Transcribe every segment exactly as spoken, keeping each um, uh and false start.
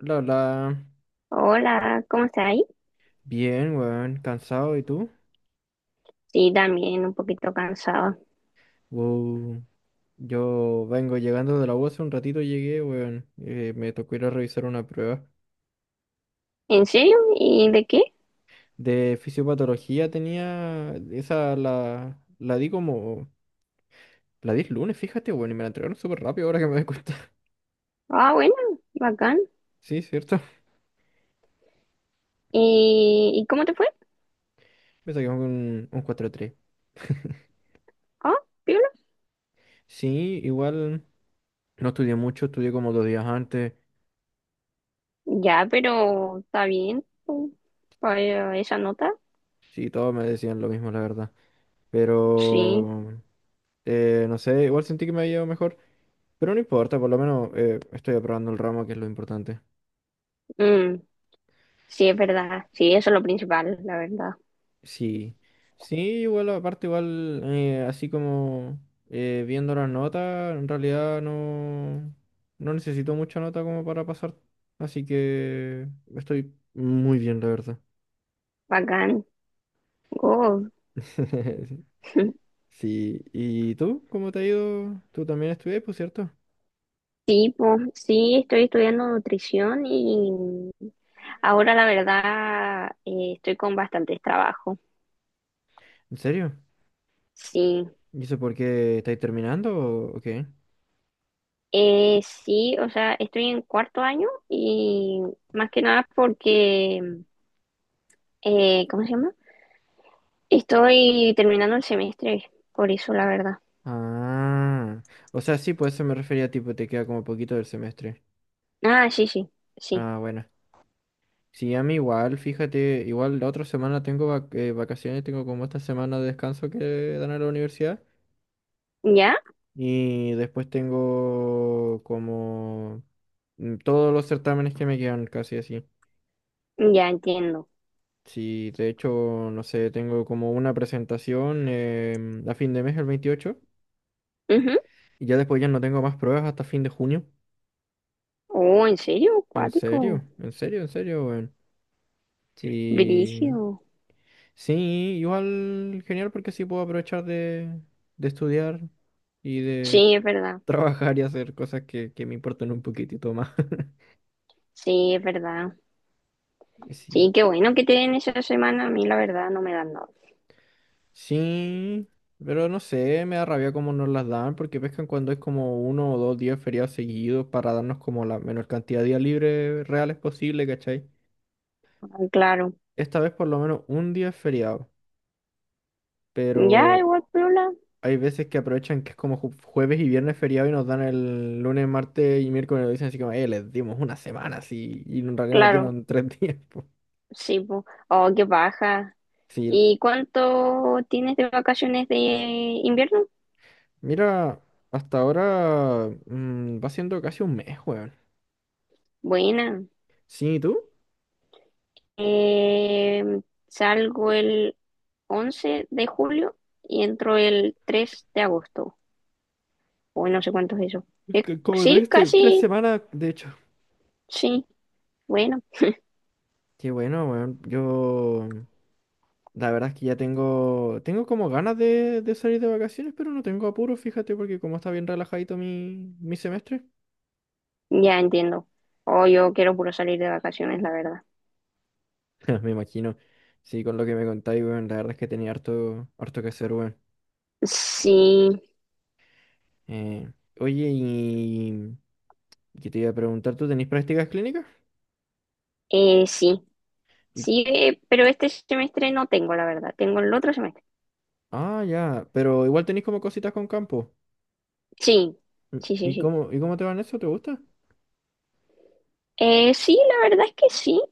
La, la, Hola, ¿cómo estás ahí? Bien, weón, cansado, ¿y tú? Sí, también un poquito cansado. Wow. Yo vengo llegando de la U hace un ratito llegué, weón. Eh, me tocó ir a revisar una prueba. ¿En serio? ¿Y de qué? De fisiopatología tenía, esa la, la di como, la di el lunes, fíjate, weón, y me la entregaron súper rápido ahora que me doy cuenta. Ah, bueno, bacán. Sí, cierto. ¿Y, y cómo te fue? Me saqué un, un cuatro tres. Ah, piola. Sí, igual no estudié mucho, estudié como dos días antes. Ya, pero está bien pues, para esa nota. Sí, todos me decían lo mismo, la verdad. Sí, Pero... Eh, no sé, igual sentí que me había ido mejor, pero no importa, por lo menos eh, estoy aprobando el ramo, que es lo importante. mm, sí, es verdad. Sí, eso es lo principal, la verdad. Sí, sí, igual aparte, igual eh, así como eh, viendo las notas, en realidad no, no necesito mucha nota como para pasar, así que estoy muy bien, la verdad. Bacán. Oh, Sí, ¿y tú? ¿Cómo te ha ido? ¿Tú también estudias, por cierto? tipo, sí, estoy estudiando nutrición y ahora la verdad eh, estoy con bastantes trabajos. ¿En serio? Sí. ¿Y eso por qué estáis terminando o o qué? Eh, sí, o sea, estoy en cuarto año y más que nada porque, eh, ¿cómo se llama? Estoy terminando el semestre, por eso la verdad. Ah, o sea, sí, pues eso me refería, tipo, te queda como poquito del semestre. Ah, sí, sí, sí. Ah, bueno. Sí, a mí igual, fíjate, igual la otra semana tengo vac- eh, vacaciones, tengo como esta semana de descanso que dan a la universidad ¿Ya? y después tengo como mm, todos los certámenes que me quedan casi así. Ya entiendo. Sí, de hecho, no sé, tengo como una presentación em, a fin de mes, el veintiocho Ujú. y ya después ya no tengo más pruebas hasta fin de junio. Oh, ¿en serio? ¿En serio? Cuático. ¿En serio? ¿En serio, weón? Sí, Brígido. sí, igual genial porque así puedo aprovechar de, de estudiar y de Sí, es verdad. trabajar y hacer cosas que, que me importan un poquitito más. Sí, es verdad. Y sí, Sí, qué bueno que te den esa semana. A mí la verdad no me dan nada. sí, pero no sé, me da rabia cómo nos las dan porque pescan cuando es como uno o dos días feriados seguidos para darnos como la menor cantidad de días libres reales posible, ¿cachai? Ah, claro. Esta vez por lo menos un día es feriado, Ya, pero igual, piola. hay veces que aprovechan que es como ju- jueves y viernes feriado y nos dan el lunes, martes y miércoles, y nos dicen así como, eh, les dimos una semana así. Y en realidad nos Claro. dieron tres días, po. Sí, po. Oh, qué baja. Sí, ¿Y cuánto tienes de vacaciones de invierno? mira, hasta ahora mm, va siendo casi un mes, weón. Buena. Sí, ¿y tú? Eh, salgo el once de julio y entro el tres de agosto. Uy, no sé cuánto es eso. Eh, C- Como sí, trajiste tres casi. semanas, de hecho. Sí, bueno, Qué bueno, weón. Yo, la verdad es que ya tengo, tengo como ganas de, de salir de vacaciones, pero no tengo apuro, fíjate, porque como está bien relajadito mi, mi semestre. ya entiendo. Oh, yo quiero puro salir de vacaciones, la verdad. Me imagino. Sí, con lo que me contáis, weón, la verdad es que tenía harto, harto que hacer, weón. Sí, Eh, Oye, y que te iba a preguntar, ¿tú tenéis prácticas clínicas? eh, sí. Y- Sí, eh, pero este semestre no tengo, la verdad. Tengo el otro semestre. Ah, ya, pero igual tenéis como cositas con campo. Sí, sí, ¿Y sí, y sí. cómo, y cómo te van eso? ¿Te gusta? Eh, sí, la verdad es que sí.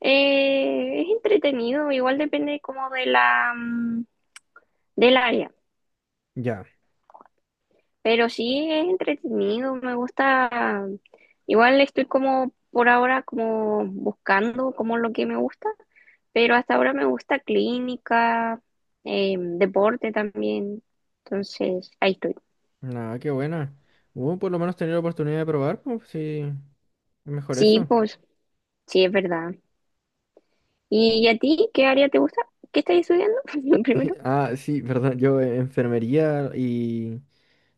Eh, es entretenido, igual depende como de la mm, del área, Ya. pero sí es entretenido, me gusta. Igual estoy como por ahora como buscando como lo que me gusta, pero hasta ahora me gusta clínica, eh, deporte también, entonces ahí estoy. Nada, qué buena. Uh, por lo menos tener la oportunidad de probar, pues sí, mejor Sí, eso. pues sí es verdad. ¿Y a ti qué área te gusta? ¿Qué estás estudiando? Primero. Ah, sí, perdón, yo eh, enfermería y,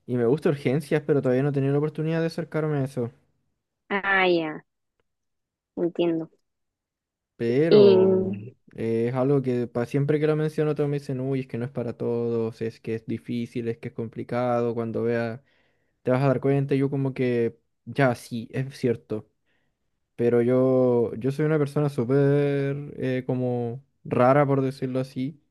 y me gusta urgencias, pero todavía no he tenido la oportunidad de acercarme a eso. Ah, ya, entiendo. Y Pero mm, eh, es algo que para siempre que lo menciono todos me dicen, uy, es que no es para todos, es que es difícil, es que es complicado, cuando veas te vas a dar cuenta, y yo como que, ya, sí, es cierto, pero yo, yo soy una persona súper eh, como rara, por decirlo así,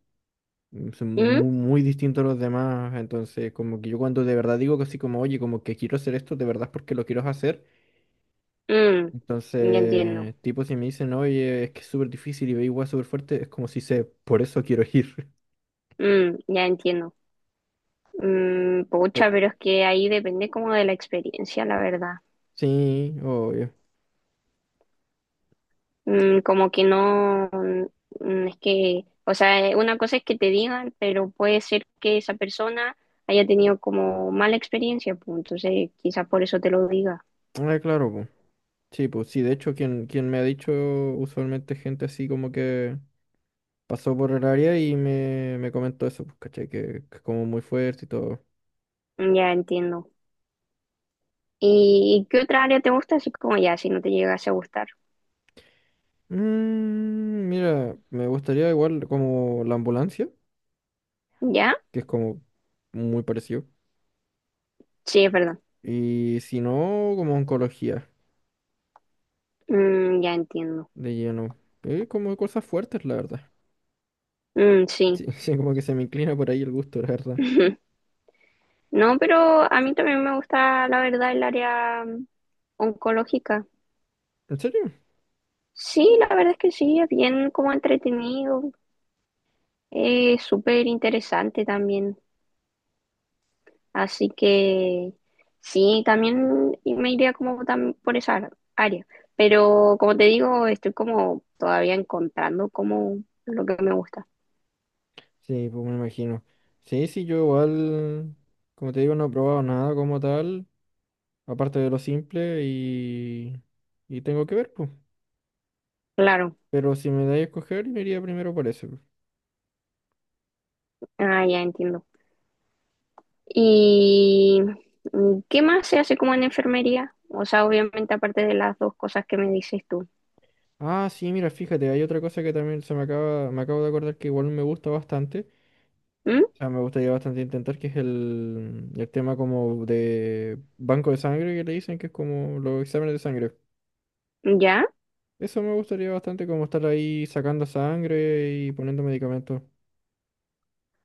mm, soy muy, muy distinto a los demás, entonces como que yo cuando de verdad digo que así como, oye, como que quiero hacer esto, de verdad es porque lo quiero hacer. mm, ya entiendo. Entonces, tipo, si me dicen, oye, es que es súper difícil y ve igual súper fuerte, es como si sé, por eso quiero ir. Mm, ya entiendo. Mm, Pero, pucha, pero es que ahí depende como de la experiencia, la verdad. sí, obvio. Mm, como que no, mm, es que, o sea, eh, una cosa es que te digan, pero puede ser que esa persona haya tenido como mala experiencia, pues entonces quizás por eso te lo diga. Ah, claro, pues. Sí, pues sí, de hecho, quien, quien me ha dicho usualmente gente así como que pasó por el área y me, me comentó eso, pues, caché, que, que es como muy fuerte y todo. Mm, ya entiendo. ¿Y qué otra área te gusta? Así como ya, si no te llegase a gustar. Mm, mira, me gustaría igual como la ambulancia, ¿Ya? que es como muy parecido. Sí, es verdad. Y si no, como oncología. Mm, ya entiendo. De lleno. Eh, como cosas fuertes, la verdad. Mm, sí. Sí, sí, como que se me inclina por ahí el gusto, la verdad. No, pero a mí también me gusta, la verdad, el área oncológica. ¿En serio? Sí, la verdad es que sí, es bien como entretenido, es súper interesante también. Así que sí, también me iría como tam- por esa área. Pero como te digo, estoy como todavía encontrando como lo que me gusta. Sí, pues me imagino. Sí, sí, yo igual, como te digo, no he probado nada como tal, aparte de lo simple y, y tengo que ver, pues. Claro, Pero si me dais a escoger, me iría primero por eso. ah, ya entiendo. ¿Y mm, qué más se hace como en enfermería? O sea, obviamente aparte de las dos cosas que me dices tú. Ah, sí, mira, fíjate, hay otra cosa que también se me acaba, me acabo de acordar que igual me gusta bastante. ¿Mm? O sea, me gustaría bastante intentar, que es el, el tema como de banco de sangre que le dicen, que es como los exámenes de sangre. ¿Ya? Eso me gustaría bastante, como estar ahí sacando sangre y poniendo medicamentos.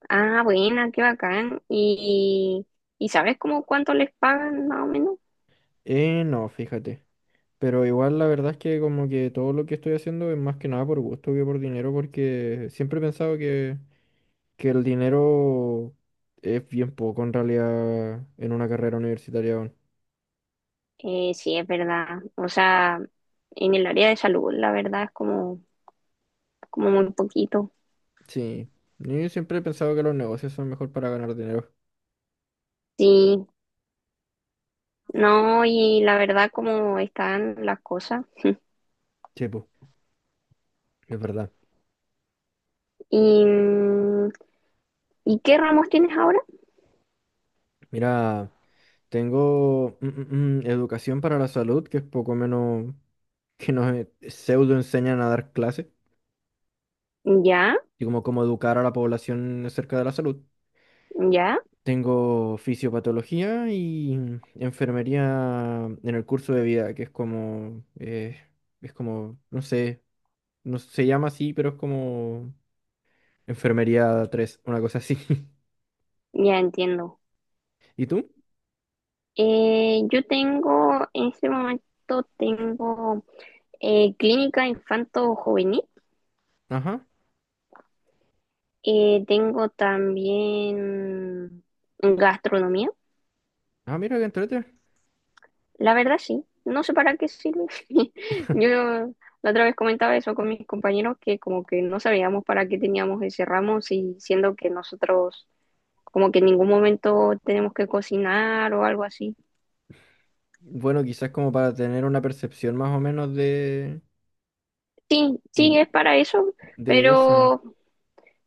Ah, buena, qué bacán. ¿Y, y sabes cómo cuánto les pagan más o menos? Eh, no, fíjate. Pero igual la verdad es que como que todo lo que estoy haciendo es más que nada por gusto que por dinero, porque siempre he pensado que, que el dinero es bien poco en realidad en una carrera universitaria aún. Eh, sí, es verdad. O sea, en el área de salud, la verdad es como, como muy poquito. Sí, yo siempre he pensado que los negocios son mejor para ganar dinero. Sí, no, y la verdad cómo están las cosas. Sí, pues, es verdad. ¿Y, mm, y qué ramos tienes ahora? Mira, tengo mm, mm, mm, educación para la salud, que es poco menos que nos eh, pseudo enseñan a dar clases Ya, y como cómo educar a la población acerca de la salud. ya, Tengo fisiopatología y enfermería en el curso de vida, que es como, eh, es como, no sé, no se llama así, pero es como enfermería tres, una cosa así. ya entiendo. ¿Y tú? Eh, yo tengo, en este momento tengo eh, clínica infanto-juvenil. Ajá. Eh, tengo también gastronomía. Ah, mira, que entrete. La verdad sí, no sé para qué sirve. Yo la otra vez comentaba eso con mis compañeros que como que no sabíamos para qué teníamos ese ramo, si, siendo que nosotros como que en ningún momento tenemos que cocinar o algo así. Bueno, quizás como para tener una percepción más o menos de, Sí, sí, es para eso, de eso. pero,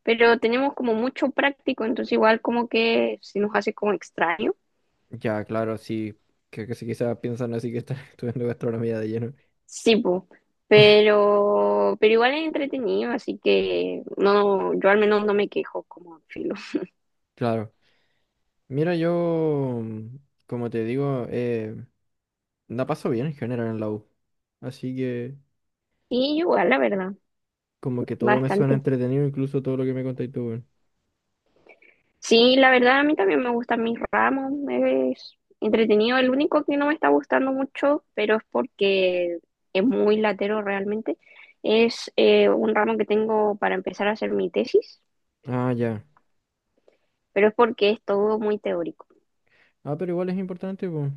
pero tenemos como mucho práctico, entonces igual como que se nos hace como extraño. Ya, claro, sí, que, que si quizás piensan así que están estudiando gastronomía de lleno. Sí, po. Pero, pero igual es entretenido, así que no, yo al menos no me quejo como filo. Claro. Mira, yo, mm, como te digo, eh, la paso bien en general en la U. Así que, Y igual, la verdad, como que todo me suena bastante. entretenido, incluso todo lo que me contáis tú, weón. Sí, la verdad, a mí también me gustan mis ramos, es entretenido. El único que no me está gustando mucho, pero es porque es muy latero realmente, es eh, un ramo que tengo para empezar a hacer mi tesis, Ah, ya. pero es porque es todo muy teórico. Ah, pero igual es importante, pues.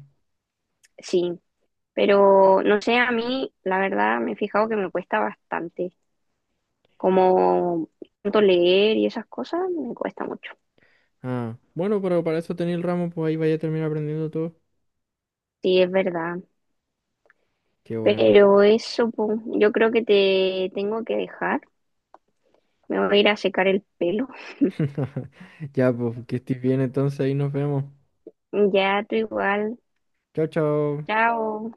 Sí, pero no sé, a mí, la verdad, me he fijado que me cuesta bastante, como tanto leer y esas cosas, me cuesta mucho. Ah, bueno, pero para eso tenéis el ramo, pues ahí vaya a terminar aprendiendo todo. Sí, es verdad. Qué bueno. Pero eso, po, yo creo que te tengo que dejar. Me voy a ir a secar el pelo. Ya, pues, que estés bien entonces, ahí nos vemos. Ya, tú igual. Chao, chao. Chao.